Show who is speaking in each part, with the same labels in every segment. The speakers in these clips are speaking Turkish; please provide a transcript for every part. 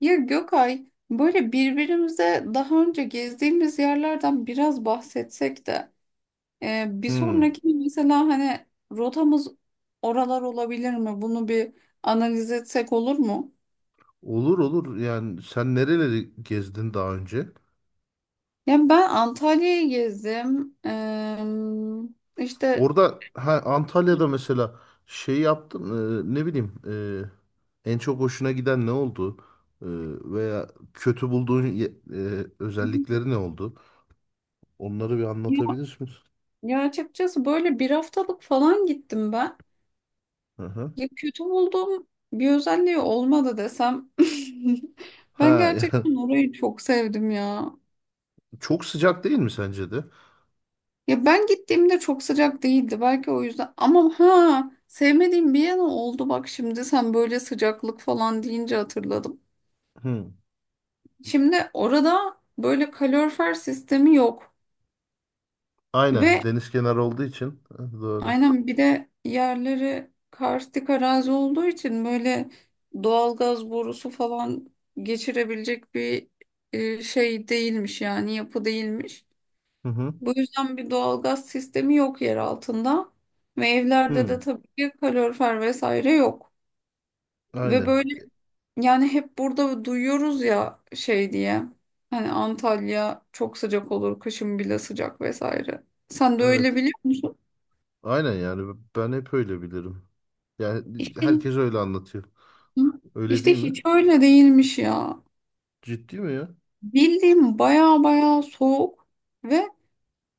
Speaker 1: Ya Gökay, böyle birbirimize daha önce gezdiğimiz yerlerden biraz bahsetsek de bir
Speaker 2: Hmm.
Speaker 1: sonraki mesela hani rotamız oralar olabilir mi? Bunu bir analiz etsek olur mu?
Speaker 2: Olur olur. Yani sen nereleri gezdin daha önce?
Speaker 1: Yani ben Antalya'yı gezdim. İşte
Speaker 2: Orada ha, Antalya'da mesela şey yaptın ne bileyim en çok hoşuna giden ne oldu? E, Veya kötü bulduğun özellikleri ne oldu? Onları bir
Speaker 1: ya,
Speaker 2: anlatabilir misin?
Speaker 1: ya açıkçası böyle bir haftalık falan gittim ben.
Speaker 2: Hı hı.
Speaker 1: Ya kötü bulduğum bir özelliği olmadı desem. Ben
Speaker 2: Ha. Yani
Speaker 1: gerçekten orayı çok sevdim ya.
Speaker 2: çok sıcak değil mi sence de?
Speaker 1: Ya ben gittiğimde çok sıcak değildi, belki o yüzden, ama ha, sevmediğim bir yana oldu bak, şimdi sen böyle sıcaklık falan deyince hatırladım.
Speaker 2: Hı.
Speaker 1: Şimdi orada böyle kalorifer sistemi yok
Speaker 2: Aynen,
Speaker 1: ve
Speaker 2: deniz kenarı olduğu için. Ha, doğru.
Speaker 1: aynen, bir de yerleri karstik arazi olduğu için böyle doğalgaz borusu falan geçirebilecek bir şey değilmiş, yani yapı değilmiş.
Speaker 2: Hı hı.
Speaker 1: Bu yüzden bir doğalgaz sistemi yok yer altında ve evlerde de
Speaker 2: Hı.
Speaker 1: tabii ki kalorifer vesaire yok. Ve
Speaker 2: Aynen.
Speaker 1: böyle, yani hep burada duyuyoruz ya şey diye, hani Antalya çok sıcak olur, kışın bile sıcak vesaire. Sen de öyle
Speaker 2: Evet.
Speaker 1: biliyor musun?
Speaker 2: Aynen yani ben hep öyle bilirim. Yani
Speaker 1: İşte,
Speaker 2: herkes öyle anlatıyor. Öyle
Speaker 1: işte,
Speaker 2: değil mi?
Speaker 1: hiç öyle değilmiş ya.
Speaker 2: Ciddi mi ya?
Speaker 1: Bildiğim baya baya soğuk ve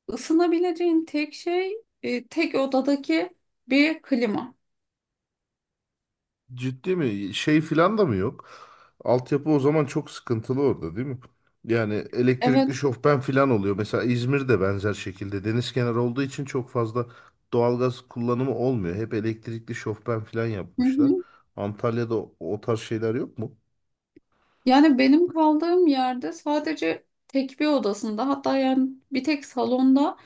Speaker 1: ısınabileceğin tek şey tek odadaki bir klima.
Speaker 2: Ciddi mi? Şey filan da mı yok? Altyapı o zaman çok sıkıntılı orada, değil mi? Yani elektrikli
Speaker 1: Evet.
Speaker 2: şofben filan oluyor. Mesela İzmir'de benzer şekilde deniz kenarı olduğu için çok fazla doğalgaz kullanımı olmuyor. Hep elektrikli şofben filan
Speaker 1: Hı
Speaker 2: yapmışlar.
Speaker 1: hı.
Speaker 2: Antalya'da o tarz şeyler yok mu?
Speaker 1: Yani benim kaldığım yerde sadece tek bir odasında, hatta yani bir tek salonda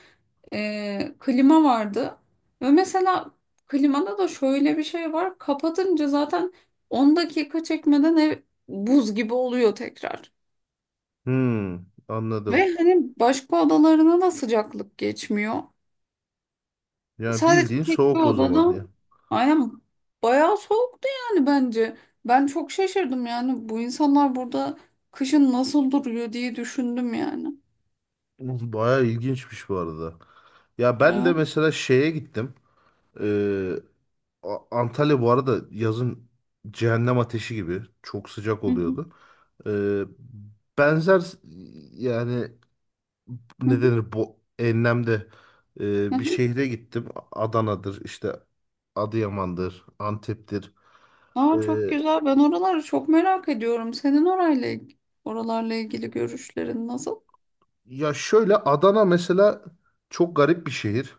Speaker 1: klima vardı. Ve mesela klimada da şöyle bir şey var: kapatınca zaten 10 dakika çekmeden ev buz gibi oluyor tekrar.
Speaker 2: Hmm, Anladım.
Speaker 1: Ve hani başka odalarına da sıcaklık geçmiyor.
Speaker 2: Yani
Speaker 1: Sadece
Speaker 2: bildiğin
Speaker 1: tek bir
Speaker 2: soğuk o zaman
Speaker 1: odada,
Speaker 2: ya.
Speaker 1: aynen, bayağı soğuktu yani bence. Ben çok şaşırdım, yani bu insanlar burada kışın nasıl duruyor diye düşündüm yani.
Speaker 2: Bayağı ilginçmiş bu arada. Ya ben de
Speaker 1: Ya.
Speaker 2: mesela şeye gittim. Ee, Antalya bu arada yazın cehennem ateşi gibi çok sıcak
Speaker 1: Hı hı,
Speaker 2: oluyordu. Ee, Benzer yani
Speaker 1: hı
Speaker 2: ne
Speaker 1: hı,
Speaker 2: denir, bu enlemde
Speaker 1: hı
Speaker 2: bir
Speaker 1: hı.
Speaker 2: şehre gittim. Adana'dır işte, Adıyaman'dır, Antep'tir. Ee,
Speaker 1: Aa, çok güzel. Ben oraları çok merak ediyorum. Senin orayla, oralarla ilgili görüşlerin nasıl?
Speaker 2: Ya şöyle, Adana mesela çok garip bir şehir.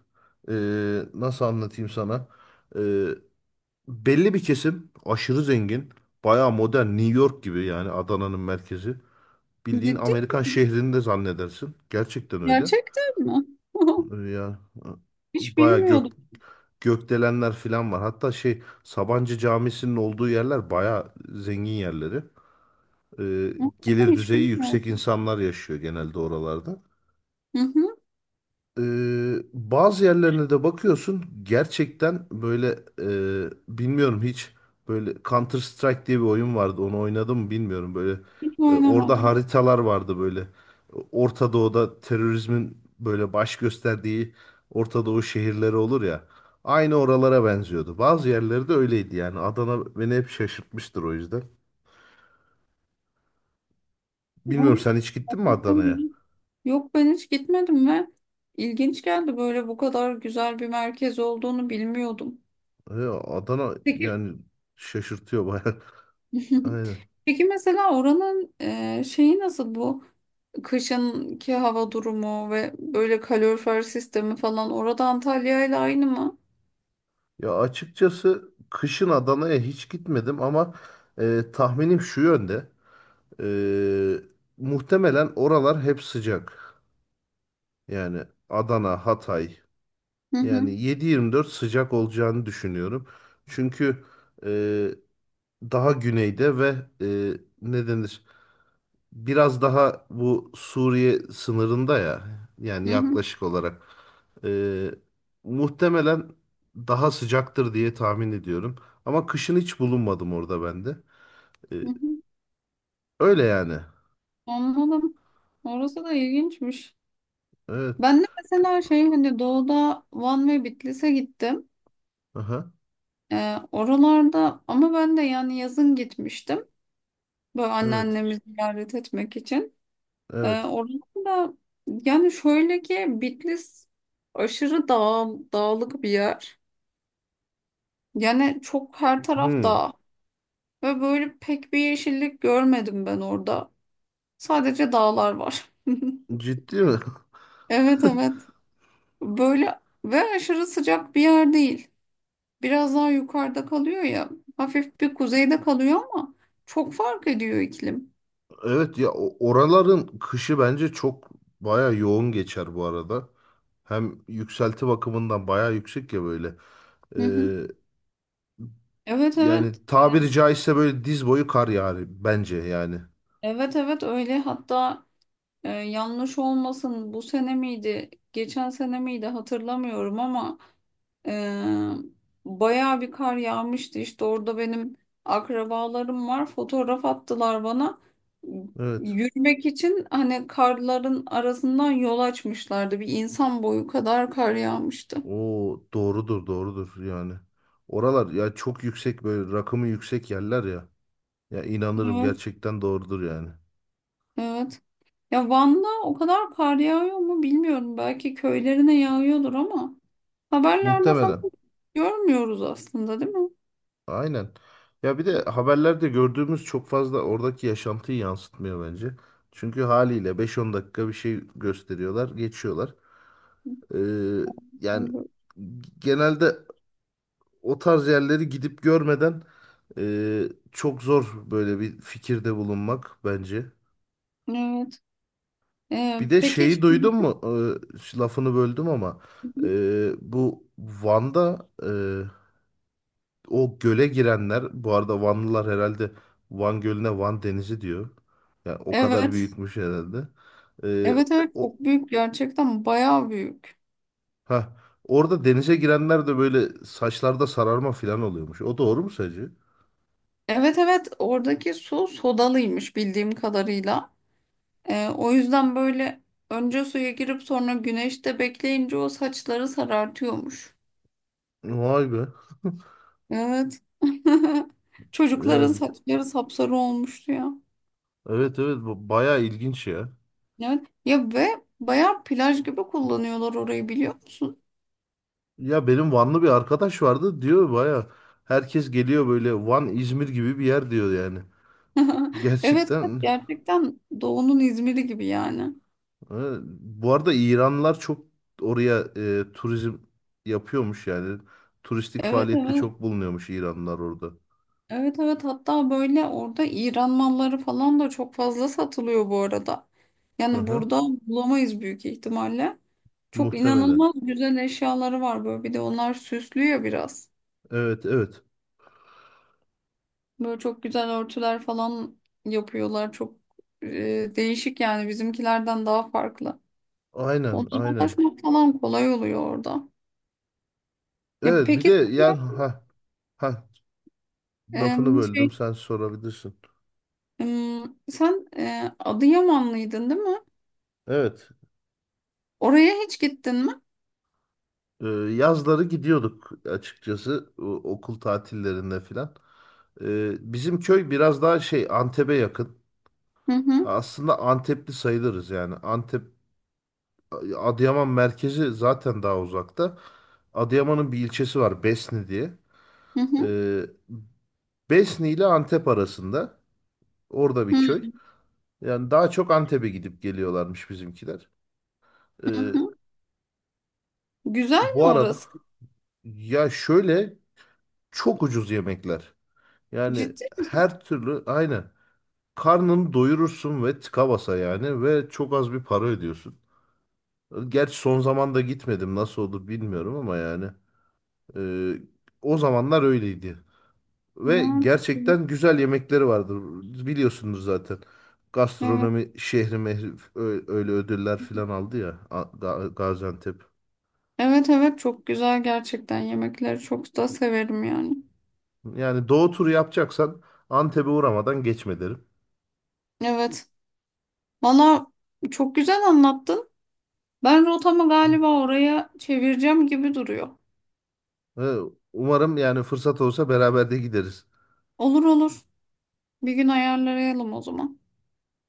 Speaker 2: Nasıl anlatayım sana? Ee, Belli bir kesim aşırı zengin. Bayağı modern, New York gibi yani Adana'nın merkezi. Bildiğin
Speaker 1: Ciddi
Speaker 2: Amerikan
Speaker 1: misin?
Speaker 2: şehrini de zannedersin. Gerçekten öyle.
Speaker 1: Gerçekten mi?
Speaker 2: Ya
Speaker 1: Hiç
Speaker 2: bayağı
Speaker 1: bilmiyordum.
Speaker 2: gökdelenler falan var. Hatta şey, Sabancı Camisi'nin olduğu yerler bayağı zengin yerleri. Ee, Gelir
Speaker 1: Hiç
Speaker 2: düzeyi yüksek
Speaker 1: bilmiyordum.
Speaker 2: insanlar yaşıyor genelde oralarda.
Speaker 1: Hı hı.
Speaker 2: Bazı yerlerine de bakıyorsun, gerçekten böyle bilmiyorum hiç, böyle Counter Strike diye bir oyun vardı, onu oynadım mı bilmiyorum. Böyle
Speaker 1: Hiç
Speaker 2: orada
Speaker 1: oynamadım.
Speaker 2: haritalar vardı, böyle Orta Doğu'da terörizmin böyle baş gösterdiği Orta Doğu şehirleri olur ya, aynı oralara benziyordu. Bazı yerleri de öyleydi yani. Adana beni hep şaşırtmıştır o yüzden.
Speaker 1: Ama
Speaker 2: Bilmiyorum, sen hiç gittin mi
Speaker 1: gerçekten
Speaker 2: Adana'ya?
Speaker 1: iyi. Yok, ben hiç gitmedim ve ilginç geldi, böyle bu kadar güzel bir merkez olduğunu bilmiyordum.
Speaker 2: Adana
Speaker 1: Peki.
Speaker 2: yani şaşırtıyor bayağı. Aynen.
Speaker 1: Peki, mesela oranın şeyi nasıl bu? Kışınki hava durumu ve böyle kalorifer sistemi falan orada Antalya ile aynı mı?
Speaker 2: Ya açıkçası kışın Adana'ya hiç gitmedim, ama tahminim şu yönde. E, Muhtemelen oralar hep sıcak. Yani Adana, Hatay.
Speaker 1: Hı hı,
Speaker 2: Yani 7/24 sıcak olacağını düşünüyorum. Çünkü e, daha güneyde, ve e, ne denir? Biraz daha bu Suriye sınırında ya. Yani
Speaker 1: hı hı,
Speaker 2: yaklaşık olarak. Ee, Muhtemelen daha sıcaktır diye tahmin ediyorum. Ama kışın hiç bulunmadım orada ben de. Ee,
Speaker 1: hı hı.
Speaker 2: Öyle yani.
Speaker 1: Anladım. Orası da ilginçmiş.
Speaker 2: Evet.
Speaker 1: Ben de mesela şey, hani doğuda Van ve Bitlis'e gittim.
Speaker 2: Aha.
Speaker 1: Oralarda ama ben de yani yazın gitmiştim. Böyle
Speaker 2: Evet.
Speaker 1: anneannemi ziyaret etmek için.
Speaker 2: Evet.
Speaker 1: Oranın da, yani şöyle ki, Bitlis aşırı dağlık bir yer. Yani çok her taraf
Speaker 2: Hmm.
Speaker 1: dağ ve böyle pek bir yeşillik görmedim ben orada. Sadece dağlar var.
Speaker 2: Ciddi mi?
Speaker 1: Evet, evet. Böyle, ve aşırı sıcak bir yer değil. Biraz daha yukarıda kalıyor ya. Hafif bir kuzeyde kalıyor ama çok fark ediyor iklim.
Speaker 2: Evet ya, oraların kışı bence çok baya yoğun geçer bu arada. Hem yükselti bakımından baya yüksek ya böyle. Ee,
Speaker 1: Hı hı. Evet, evet.
Speaker 2: Yani tabiri caizse böyle diz boyu kar yani, bence yani.
Speaker 1: Evet, evet, öyle. Hatta, yanlış olmasın, bu sene miydi, geçen sene miydi hatırlamıyorum, ama e, bayağı bir kar yağmıştı. İşte orada benim akrabalarım var, fotoğraf attılar bana.
Speaker 2: Evet.
Speaker 1: Yürümek için hani karların arasından yol açmışlardı. Bir insan boyu kadar kar yağmıştı.
Speaker 2: O doğrudur doğrudur yani. Oralar ya çok yüksek, böyle rakımı yüksek yerler ya. Ya inanırım,
Speaker 1: Evet,
Speaker 2: gerçekten doğrudur yani.
Speaker 1: evet. Ya Van'da o kadar kar yağıyor mu bilmiyorum. Belki köylerine yağıyordur ama haberlerde falan
Speaker 2: Muhtemelen.
Speaker 1: görmüyoruz aslında, değil mi?
Speaker 2: Aynen. Ya bir de haberlerde gördüğümüz çok fazla oradaki yaşantıyı yansıtmıyor bence. Çünkü haliyle beş on dakika bir şey gösteriyorlar, geçiyorlar. Ee, Yani genelde o tarz yerleri gidip görmeden e, çok zor böyle bir fikirde bulunmak bence.
Speaker 1: Evet.
Speaker 2: Bir de
Speaker 1: Peki.
Speaker 2: şeyi duydun mu? Lafını böldüm ama bu Van'da o göle girenler, bu arada Vanlılar herhalde Van Gölü'ne Van Denizi diyor. Yani o kadar
Speaker 1: Evet.
Speaker 2: büyütmüş herhalde. Ee,
Speaker 1: Evet, evet,
Speaker 2: o
Speaker 1: çok büyük gerçekten, bayağı büyük.
Speaker 2: ha Orada denize girenler de böyle saçlarda sararma falan oluyormuş. O doğru mu sacı?
Speaker 1: Evet, evet, oradaki su sodalıymış bildiğim kadarıyla. O yüzden böyle önce suya girip sonra güneşte bekleyince o saçları sarartıyormuş.
Speaker 2: Vay be.
Speaker 1: Evet. Çocukların
Speaker 2: Yani,
Speaker 1: saçları sapsarı olmuştu ya.
Speaker 2: evet evet, bu bayağı ilginç ya.
Speaker 1: Evet. Ya, ve bayağı plaj gibi kullanıyorlar orayı, biliyor musun?
Speaker 2: Ya benim Vanlı bir arkadaş vardı, diyor baya herkes geliyor, böyle Van İzmir gibi bir yer diyor yani.
Speaker 1: Evet, evet,
Speaker 2: Gerçekten.
Speaker 1: gerçekten doğunun İzmir'i gibi yani.
Speaker 2: e, Bu arada İranlılar çok oraya turizm yapıyormuş yani. Turistik
Speaker 1: Evet,
Speaker 2: faaliyette
Speaker 1: evet.
Speaker 2: çok bulunuyormuş İranlılar orada.
Speaker 1: Evet, evet, hatta böyle orada İran malları falan da çok fazla satılıyor bu arada.
Speaker 2: Hı
Speaker 1: Yani
Speaker 2: hı,
Speaker 1: burada bulamayız büyük ihtimalle. Çok
Speaker 2: muhtemelen.
Speaker 1: inanılmaz güzel eşyaları var böyle. Bir de onlar süslüyor biraz.
Speaker 2: Evet evet.
Speaker 1: Böyle çok güzel örtüler falan yapıyorlar. Çok değişik, yani bizimkilerden daha farklı.
Speaker 2: Aynen
Speaker 1: Onlara
Speaker 2: aynen.
Speaker 1: ulaşmak falan kolay oluyor orada. Ya
Speaker 2: Evet bir
Speaker 1: peki,
Speaker 2: de yani, ha ha, lafını
Speaker 1: sen, e, şey
Speaker 2: böldüm, sen sorabilirsin.
Speaker 1: e, sen Adıyamanlıydın, değil mi?
Speaker 2: Evet.
Speaker 1: Oraya hiç gittin mi?
Speaker 2: Yazları gidiyorduk açıkçası, okul tatillerinde filan. Bizim köy biraz daha şey, Antep'e yakın.
Speaker 1: Hı hı.
Speaker 2: Aslında Antepli sayılırız yani. Antep, Adıyaman merkezi zaten daha uzakta. Adıyaman'ın bir ilçesi var Besni diye.
Speaker 1: Hı hı,
Speaker 2: Ee, Besni ile Antep arasında. Orada bir
Speaker 1: hı
Speaker 2: köy. Yani daha çok Antep'e gidip geliyorlarmış bizimkiler.
Speaker 1: hı.
Speaker 2: Ee,
Speaker 1: Hı. Güzel mi
Speaker 2: Bu arada,
Speaker 1: orası?
Speaker 2: ya şöyle, çok ucuz yemekler. Yani
Speaker 1: Ciddi misin?
Speaker 2: her türlü aynı. Karnını doyurursun ve tıka basa yani, ve çok az bir para ödüyorsun. Gerçi son zamanda gitmedim, nasıl olur bilmiyorum ama yani e, o zamanlar öyleydi.
Speaker 1: Ne
Speaker 2: Ve
Speaker 1: yapayım?
Speaker 2: gerçekten güzel yemekleri vardır, biliyorsunuz zaten.
Speaker 1: Evet.
Speaker 2: Gastronomi şehri mehri, öyle ödüller falan aldı ya, Gaziantep.
Speaker 1: Evet, evet, çok güzel gerçekten, yemekleri çok da severim yani.
Speaker 2: Yani doğu turu yapacaksan, Antep'e uğramadan geçme derim.
Speaker 1: Evet. Valla, çok güzel anlattın. Ben rotamı galiba oraya çevireceğim gibi duruyor.
Speaker 2: Ve umarım yani, fırsat olsa beraber de gideriz.
Speaker 1: Olur, olur. Bir gün ayarlayalım o zaman.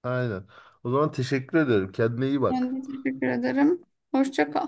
Speaker 2: Aynen. O zaman teşekkür ederim. Kendine iyi
Speaker 1: Ben
Speaker 2: bak.
Speaker 1: de teşekkür ederim. Hoşça kal.